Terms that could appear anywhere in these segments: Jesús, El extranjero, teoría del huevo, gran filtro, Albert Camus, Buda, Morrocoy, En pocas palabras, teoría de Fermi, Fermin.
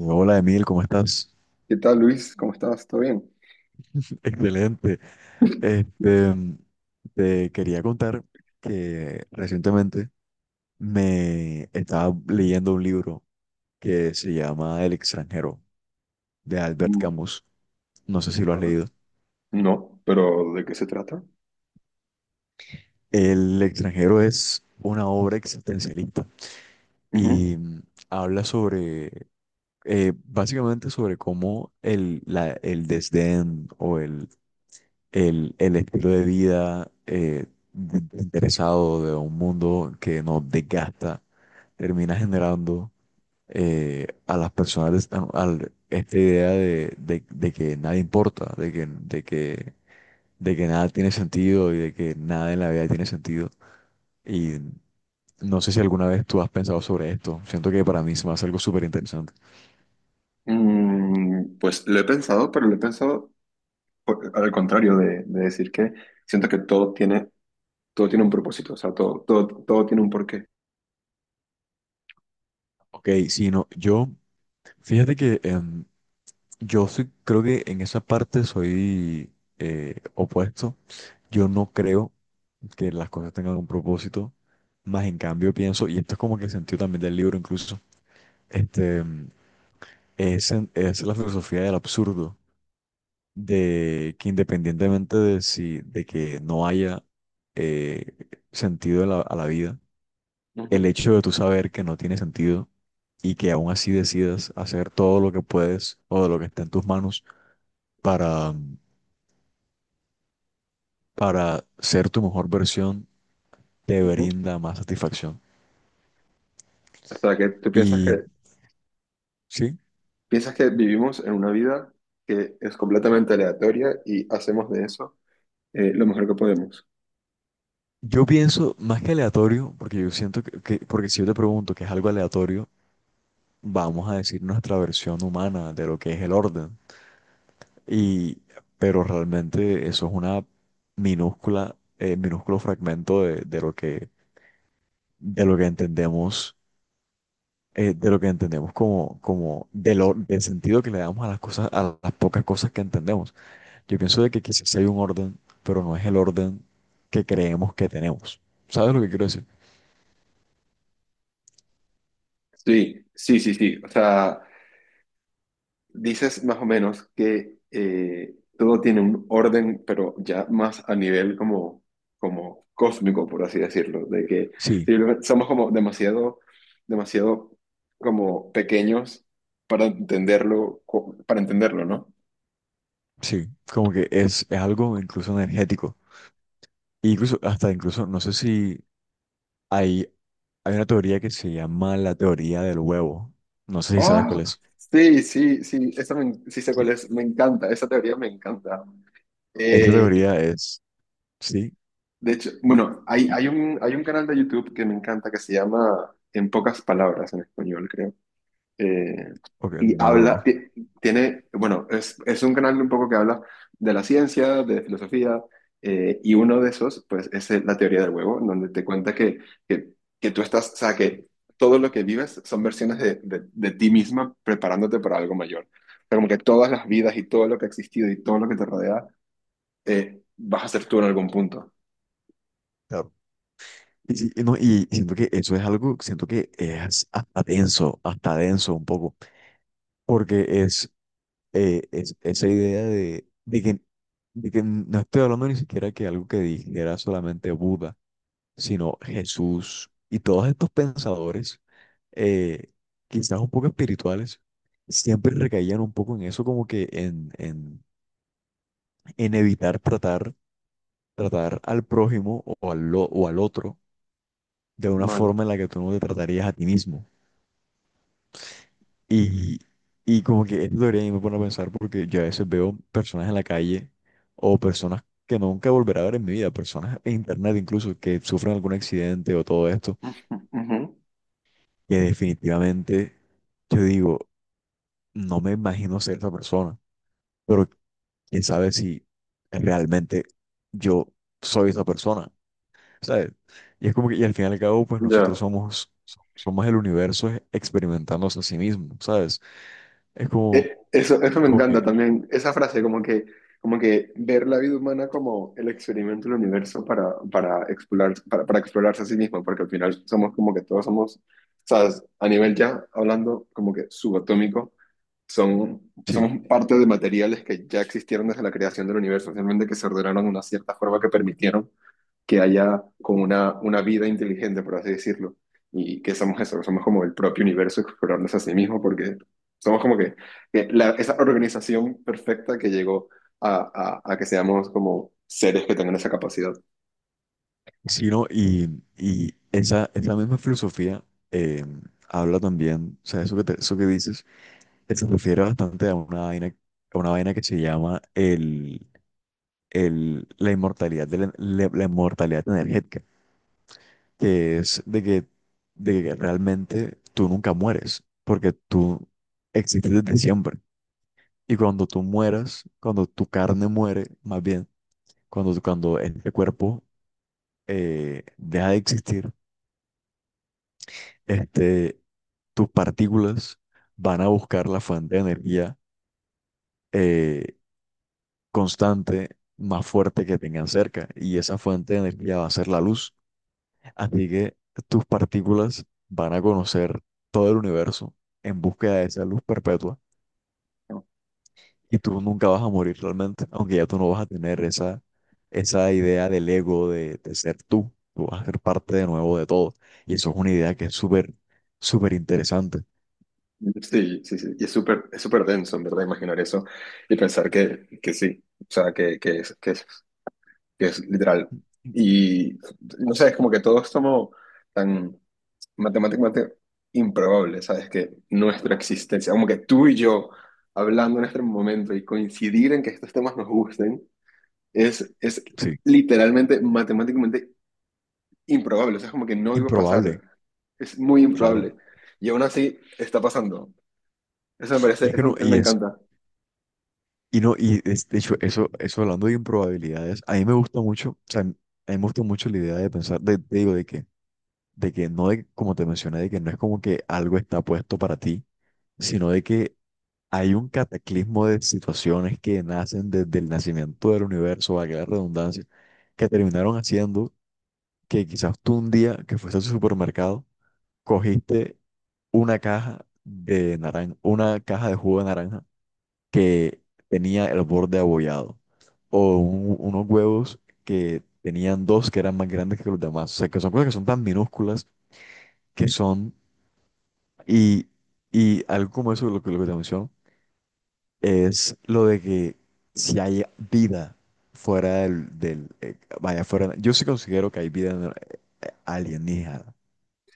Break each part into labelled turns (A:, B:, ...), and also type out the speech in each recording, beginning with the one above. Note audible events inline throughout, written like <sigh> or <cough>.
A: Hola Emil, ¿cómo estás?
B: ¿Qué tal, Luis? ¿Cómo estás? ¿Todo bien?
A: <laughs> Excelente. Este, te quería contar que recientemente me estaba leyendo un libro que se llama El extranjero de Albert
B: Mm,
A: Camus. No sé si lo has
B: vale.
A: leído.
B: No, pero ¿de qué se trata?
A: El extranjero es una obra existencialista
B: Ujú.
A: y habla sobre, básicamente sobre cómo el desdén o el estilo de vida interesado de un mundo que nos desgasta, termina generando a las personas esta idea de que nada importa, de que nada tiene sentido y de que nada en la vida tiene sentido. Y no sé si alguna vez tú has pensado sobre esto. Siento que para mí se me hace algo súper interesante.
B: Mm, pues lo he pensado, pero lo he pensado al contrario de decir que siento que todo tiene un propósito, o sea, todo, todo, todo tiene un porqué.
A: Ok, si no, yo, fíjate que. Yo sí creo que en esa parte soy opuesto. Yo no creo que las cosas tengan un propósito, más en cambio pienso, y esto es como que el sentido también del libro incluso, este, es, es la filosofía del absurdo, de que independientemente de que no haya eh, sentido a la vida, el
B: Ujú,
A: hecho de tú saber que no tiene sentido y que aún así decidas hacer todo lo que puedes o de lo que está en tus manos para ser tu mejor versión te
B: ujú.
A: brinda más satisfacción.
B: O sea, que tú
A: Y sí,
B: piensas que vivimos en una vida que es completamente aleatoria y hacemos de eso lo mejor que podemos.
A: yo pienso más que aleatorio, porque yo siento porque si yo te pregunto que es algo aleatorio, vamos a decir nuestra versión humana de lo que es el orden. Y, pero realmente eso es una minúscula, minúsculo fragmento de lo que, entendemos. De lo que entendemos como, de lo, del sentido que le damos a las cosas, a las pocas cosas que entendemos. Yo pienso de que quizás sí hay un orden, pero no es el orden que creemos que tenemos. ¿Sabes lo que quiero decir?
B: Sí, sí, sí, sí. O sea, dices más o menos que todo tiene un orden, pero ya más a nivel como, como cósmico, por así decirlo, de que
A: Sí,
B: simplemente somos como demasiado, demasiado como pequeños para entenderlo, para entenderlo, ¿no?
A: sí, como que es algo incluso energético. E incluso, hasta incluso, no sé si hay, hay una teoría que se llama la teoría del huevo. No sé si sabes cuál
B: ¡Ah!
A: es.
B: Sí, sí, sí, esa me, sí sé cuál
A: Sí.
B: es, me encanta, esa teoría me encanta.
A: Esa
B: Eh,
A: teoría es, sí,
B: de hecho, bueno, hay un canal de YouTube que me encanta que se llama En pocas palabras en español, creo. eh,
A: ok,
B: y
A: no lo
B: habla,
A: conozco.
B: ti- tiene, bueno, es un canal un poco que habla de la ciencia, de filosofía, y uno de esos, pues, es la teoría del huevo, en donde te cuenta que, que tú estás, o sea, que todo lo que vives son versiones de ti misma preparándote para algo mayor. O sea, como que todas las vidas y todo lo que ha existido y todo lo que te rodea, vas a ser tú en algún punto.
A: Claro. Y sí, y no, y siento que eso es algo, siento que es hasta denso un poco, porque es esa idea de que no estoy hablando ni siquiera que algo que dijera solamente Buda, sino Jesús y todos estos pensadores, eh, quizás un poco espirituales, siempre recaían un poco en eso, como que en evitar tratar, al prójimo o al otro de una
B: Vale.
A: forma en la que tú no te tratarías a ti mismo. Y, y como que esto debería me pone a pensar porque yo a veces veo personas en la calle o personas que nunca volveré a ver en mi vida, personas en internet incluso que sufren algún accidente o todo esto,
B: <laughs> Ujú, ujú.
A: que definitivamente yo digo, no me imagino ser esa persona, pero quién sabe si realmente yo soy esa persona, ¿sabes? Y es como que, y al fin y al cabo, pues nosotros
B: Ya.
A: somos el universo experimentándose a sí mismo, ¿sabes? Es como,
B: Eso, eso me
A: como que,
B: encanta también, esa frase como que ver la vida humana como el experimento del universo para explorar, para explorarse a sí mismo, porque al final somos como que todos somos, ¿sabes? A nivel ya hablando como que subatómico, son,
A: sí.
B: somos parte de materiales que ya existieron desde la creación del universo, simplemente que se ordenaron de una cierta forma que permitieron que haya como una vida inteligente, por así decirlo, y que somos eso, que somos como el propio universo explorándose a sí mismo, porque somos como que esa organización perfecta que llegó a que seamos como seres que tengan esa capacidad,
A: Sí, ¿no? Y esa, misma filosofía eh, habla también, o sea, eso eso que dices, se refiere bastante a una vaina que se llama la inmortalidad, la inmortalidad energética, que es de que realmente tú nunca mueres, porque tú existes desde siempre. Y cuando tú mueras, cuando tu carne muere, más bien, cuando este cuerpo deja de existir, este tus partículas van a buscar la fuente de energía eh, constante más fuerte que tengan cerca y esa fuente de energía va a ser la luz. Así que tus partículas van a conocer todo el universo en búsqueda de esa luz perpetua
B: ¿no?
A: y tú nunca vas a morir realmente, aunque ya tú no vas a tener esa idea del ego de ser tú. Tú vas a ser parte de nuevo de todo. Y eso es una idea que es súper, súper interesante.
B: Sí, sí, sí, y es súper denso, en verdad, imaginar eso y pensar que sí, o sea, que es, que es, que es literal. Y no sé, es como que todo es como tan matemáticamente improbable, ¿sabes? Que nuestra existencia, como que tú y yo hablando en este momento y coincidir en que estos temas nos gusten, es
A: Sí,
B: literalmente matemáticamente improbable, o sea, es como que no iba a
A: improbable,
B: pasar, es muy
A: claro.
B: improbable. Y aún así está pasando. Eso me parece,
A: Y es que
B: eso,
A: no,
B: eso me
A: y es,
B: encanta.
A: y no, de hecho, eso hablando de improbabilidades, a mí me gusta mucho, o sea, a mí me gusta mucho la idea de pensar, de, te digo, de que no, de, como te mencioné, de que no es como que algo está puesto para ti, sino de que hay un cataclismo de situaciones que nacen desde el nacimiento del universo, valga la redundancia, que terminaron haciendo que quizás tú un día que fuiste al supermercado, cogiste una caja de naranja, una caja de jugo de naranja que tenía el borde abollado. O unos huevos que tenían dos que eran más grandes que los demás. O sea, que son cosas que son tan minúsculas que son. Y, y algo como eso, lo que te menciono, es lo de que si hay vida fuera del vaya, fuera. Yo sí considero que hay vida alienígena.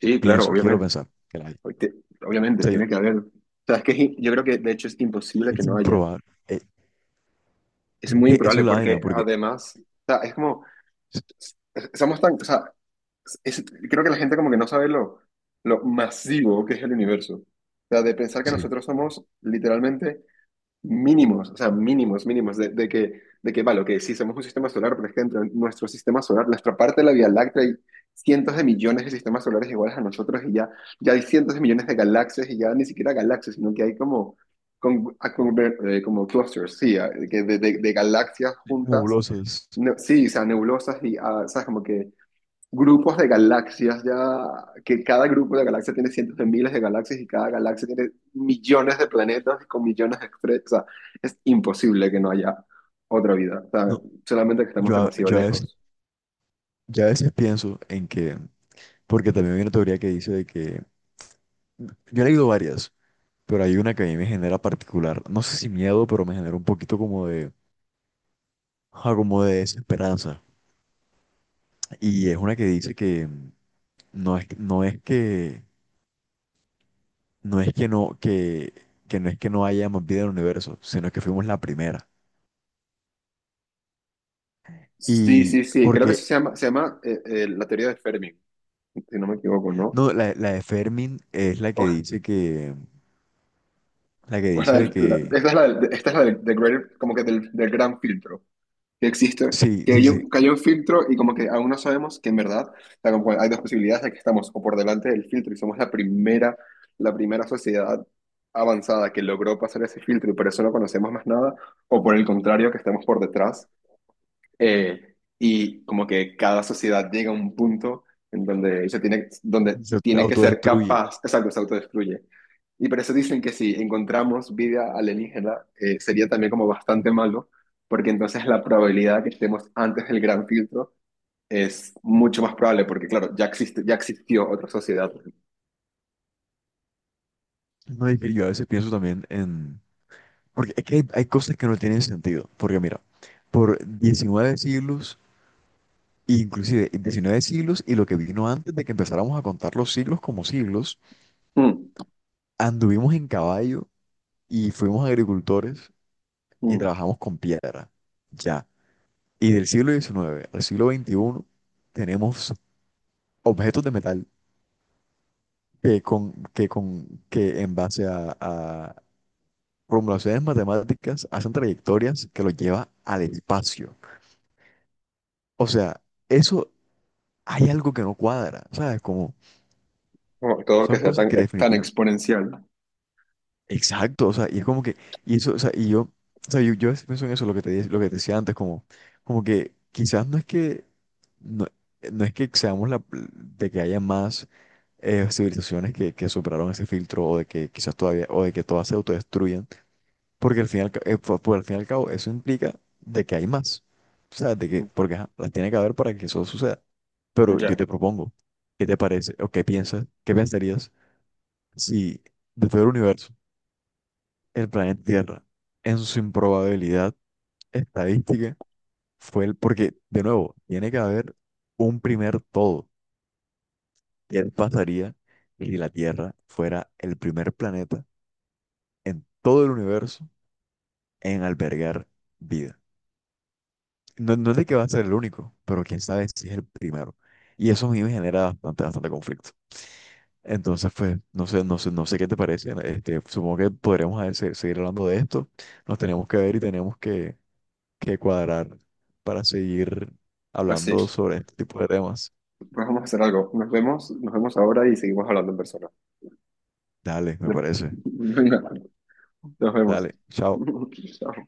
B: Sí, claro,
A: Pienso, quiero
B: obviamente.
A: pensar que la hay. O
B: Hoy te- Obviamente,
A: sea,
B: tiene que haber. O sea, es que es in- yo creo que de hecho es imposible que
A: es
B: no haya.
A: improbable.
B: Es
A: <laughs>
B: muy
A: Eso
B: improbable
A: es la vaina,
B: porque
A: porque.
B: además, o sea, es- somos tan, o sea, es- creo que la gente como que no sabe lo masivo que es el universo. O sea, de pensar que
A: Sí.
B: nosotros somos literalmente mínimos, o sea, mínimos, mínimos, vale, que sí, somos un sistema solar, por ejemplo nuestro sistema solar, nuestra parte de la Vía Láctea, hay cientos de millones de sistemas solares iguales a nosotros y ya, ya hay cientos de millones de galaxias y ya ni siquiera galaxias, sino que hay como, como clusters, sí, de galaxias juntas,
A: Nebulosas.
B: sí, o sea, nebulosas y, ah, ¿sabes? Como que grupos de galaxias ya, que cada grupo de galaxias tiene cientos de miles de galaxias y cada galaxia tiene millones de planetas con millones de estrellas. O sea, es imposible que no haya otra vida. O sea,
A: No,
B: solamente que estamos
A: yo,
B: demasiado
A: yo a veces
B: lejos.
A: ya a veces pienso en que, porque también hay una teoría que dice de que, yo he leído varias, pero hay una que a mí me genera particular, no sé si miedo, pero me genera un poquito como de, ah, como de desesperanza. Y es una que dice que no es, no es que, no es que no es que no haya más vida en el universo, sino que fuimos la primera.
B: Sí,
A: Y
B: sí, sí. Creo que
A: porque,
B: se llama la teoría de Fermi, si no me equivoco, ¿no?
A: no, la de Fermin es la que
B: O-
A: dice que, la que
B: o la
A: dice de que,
B: esta es la, esta es la del, del greater, como que del, del gran filtro. Que existe,
A: sí, sí, sí,
B: que hay un filtro y como que aún no sabemos que en verdad, o sea, como hay dos posibilidades de que estamos o por delante del filtro y somos la primera sociedad avanzada que logró pasar ese filtro y por eso no conocemos más nada, o por el contrario, que estamos por detrás y como que cada sociedad llega a un punto en donde se tiene, donde
A: se
B: tiene que ser
A: autodestruye.
B: capaz, exacto, se autodestruye. Y por eso dicen que si encontramos vida alienígena, sería también como bastante malo, porque entonces la probabilidad de que estemos antes del gran filtro es mucho más probable, porque claro, ya existe, ya existió otra sociedad.
A: No, y yo a veces pienso también en. Porque es que hay, cosas que no tienen sentido. Porque mira, por 19 siglos, inclusive 19 siglos y lo que vino antes de que empezáramos a contar los siglos como siglos,
B: Mm,
A: anduvimos en caballo y fuimos agricultores y
B: mm.
A: trabajamos con piedra. Ya. Y del siglo XIX al siglo XXI tenemos objetos de metal que con, que en base a formulaciones matemáticas hacen trayectorias que los lleva al espacio. O sea, eso hay algo que no cuadra, ¿sabes? Como
B: Como todo lo que
A: son
B: sea
A: cosas
B: tan,
A: que
B: tan
A: definitivamente.
B: exponencial.
A: Exacto, o sea, y es como que, y eso, o sea, y yo, o sea, yo, a veces pienso en eso, lo que te, lo que te decía antes, como, como que quizás no es que, no, no es que seamos la, de que haya más civilizaciones que superaron ese filtro o de que quizás todavía, o de que todas se autodestruyan. Porque al fin y al, al fin y al cabo eso implica de que hay más. O sea, de que, porque ajá, las tiene que haber para que eso suceda. Pero yo
B: Ya,
A: te propongo, ¿qué te parece o qué piensas, qué pensarías si de todo el universo, el planeta Tierra, en su improbabilidad estadística, fue el, porque de nuevo, tiene que haber un primer todo. ¿Qué pasaría si la Tierra fuera el primer planeta en todo el universo en albergar vida? No, no es de que va a ser el único, pero quién sabe si es el primero. Y eso a mí me genera bastante, bastante conflicto. Entonces, pues, no sé, no sé, no sé qué te parece. Supongo que podremos a ver, seguir hablando de esto. Nos tenemos que ver y tenemos que, cuadrar para seguir hablando
B: así.
A: sobre este tipo de temas.
B: Pues vamos a hacer algo. Nos vemos ahora y seguimos hablando en persona.
A: Dale, me parece.
B: Venga, nos vemos.
A: Dale, chao.
B: <laughs> Chao.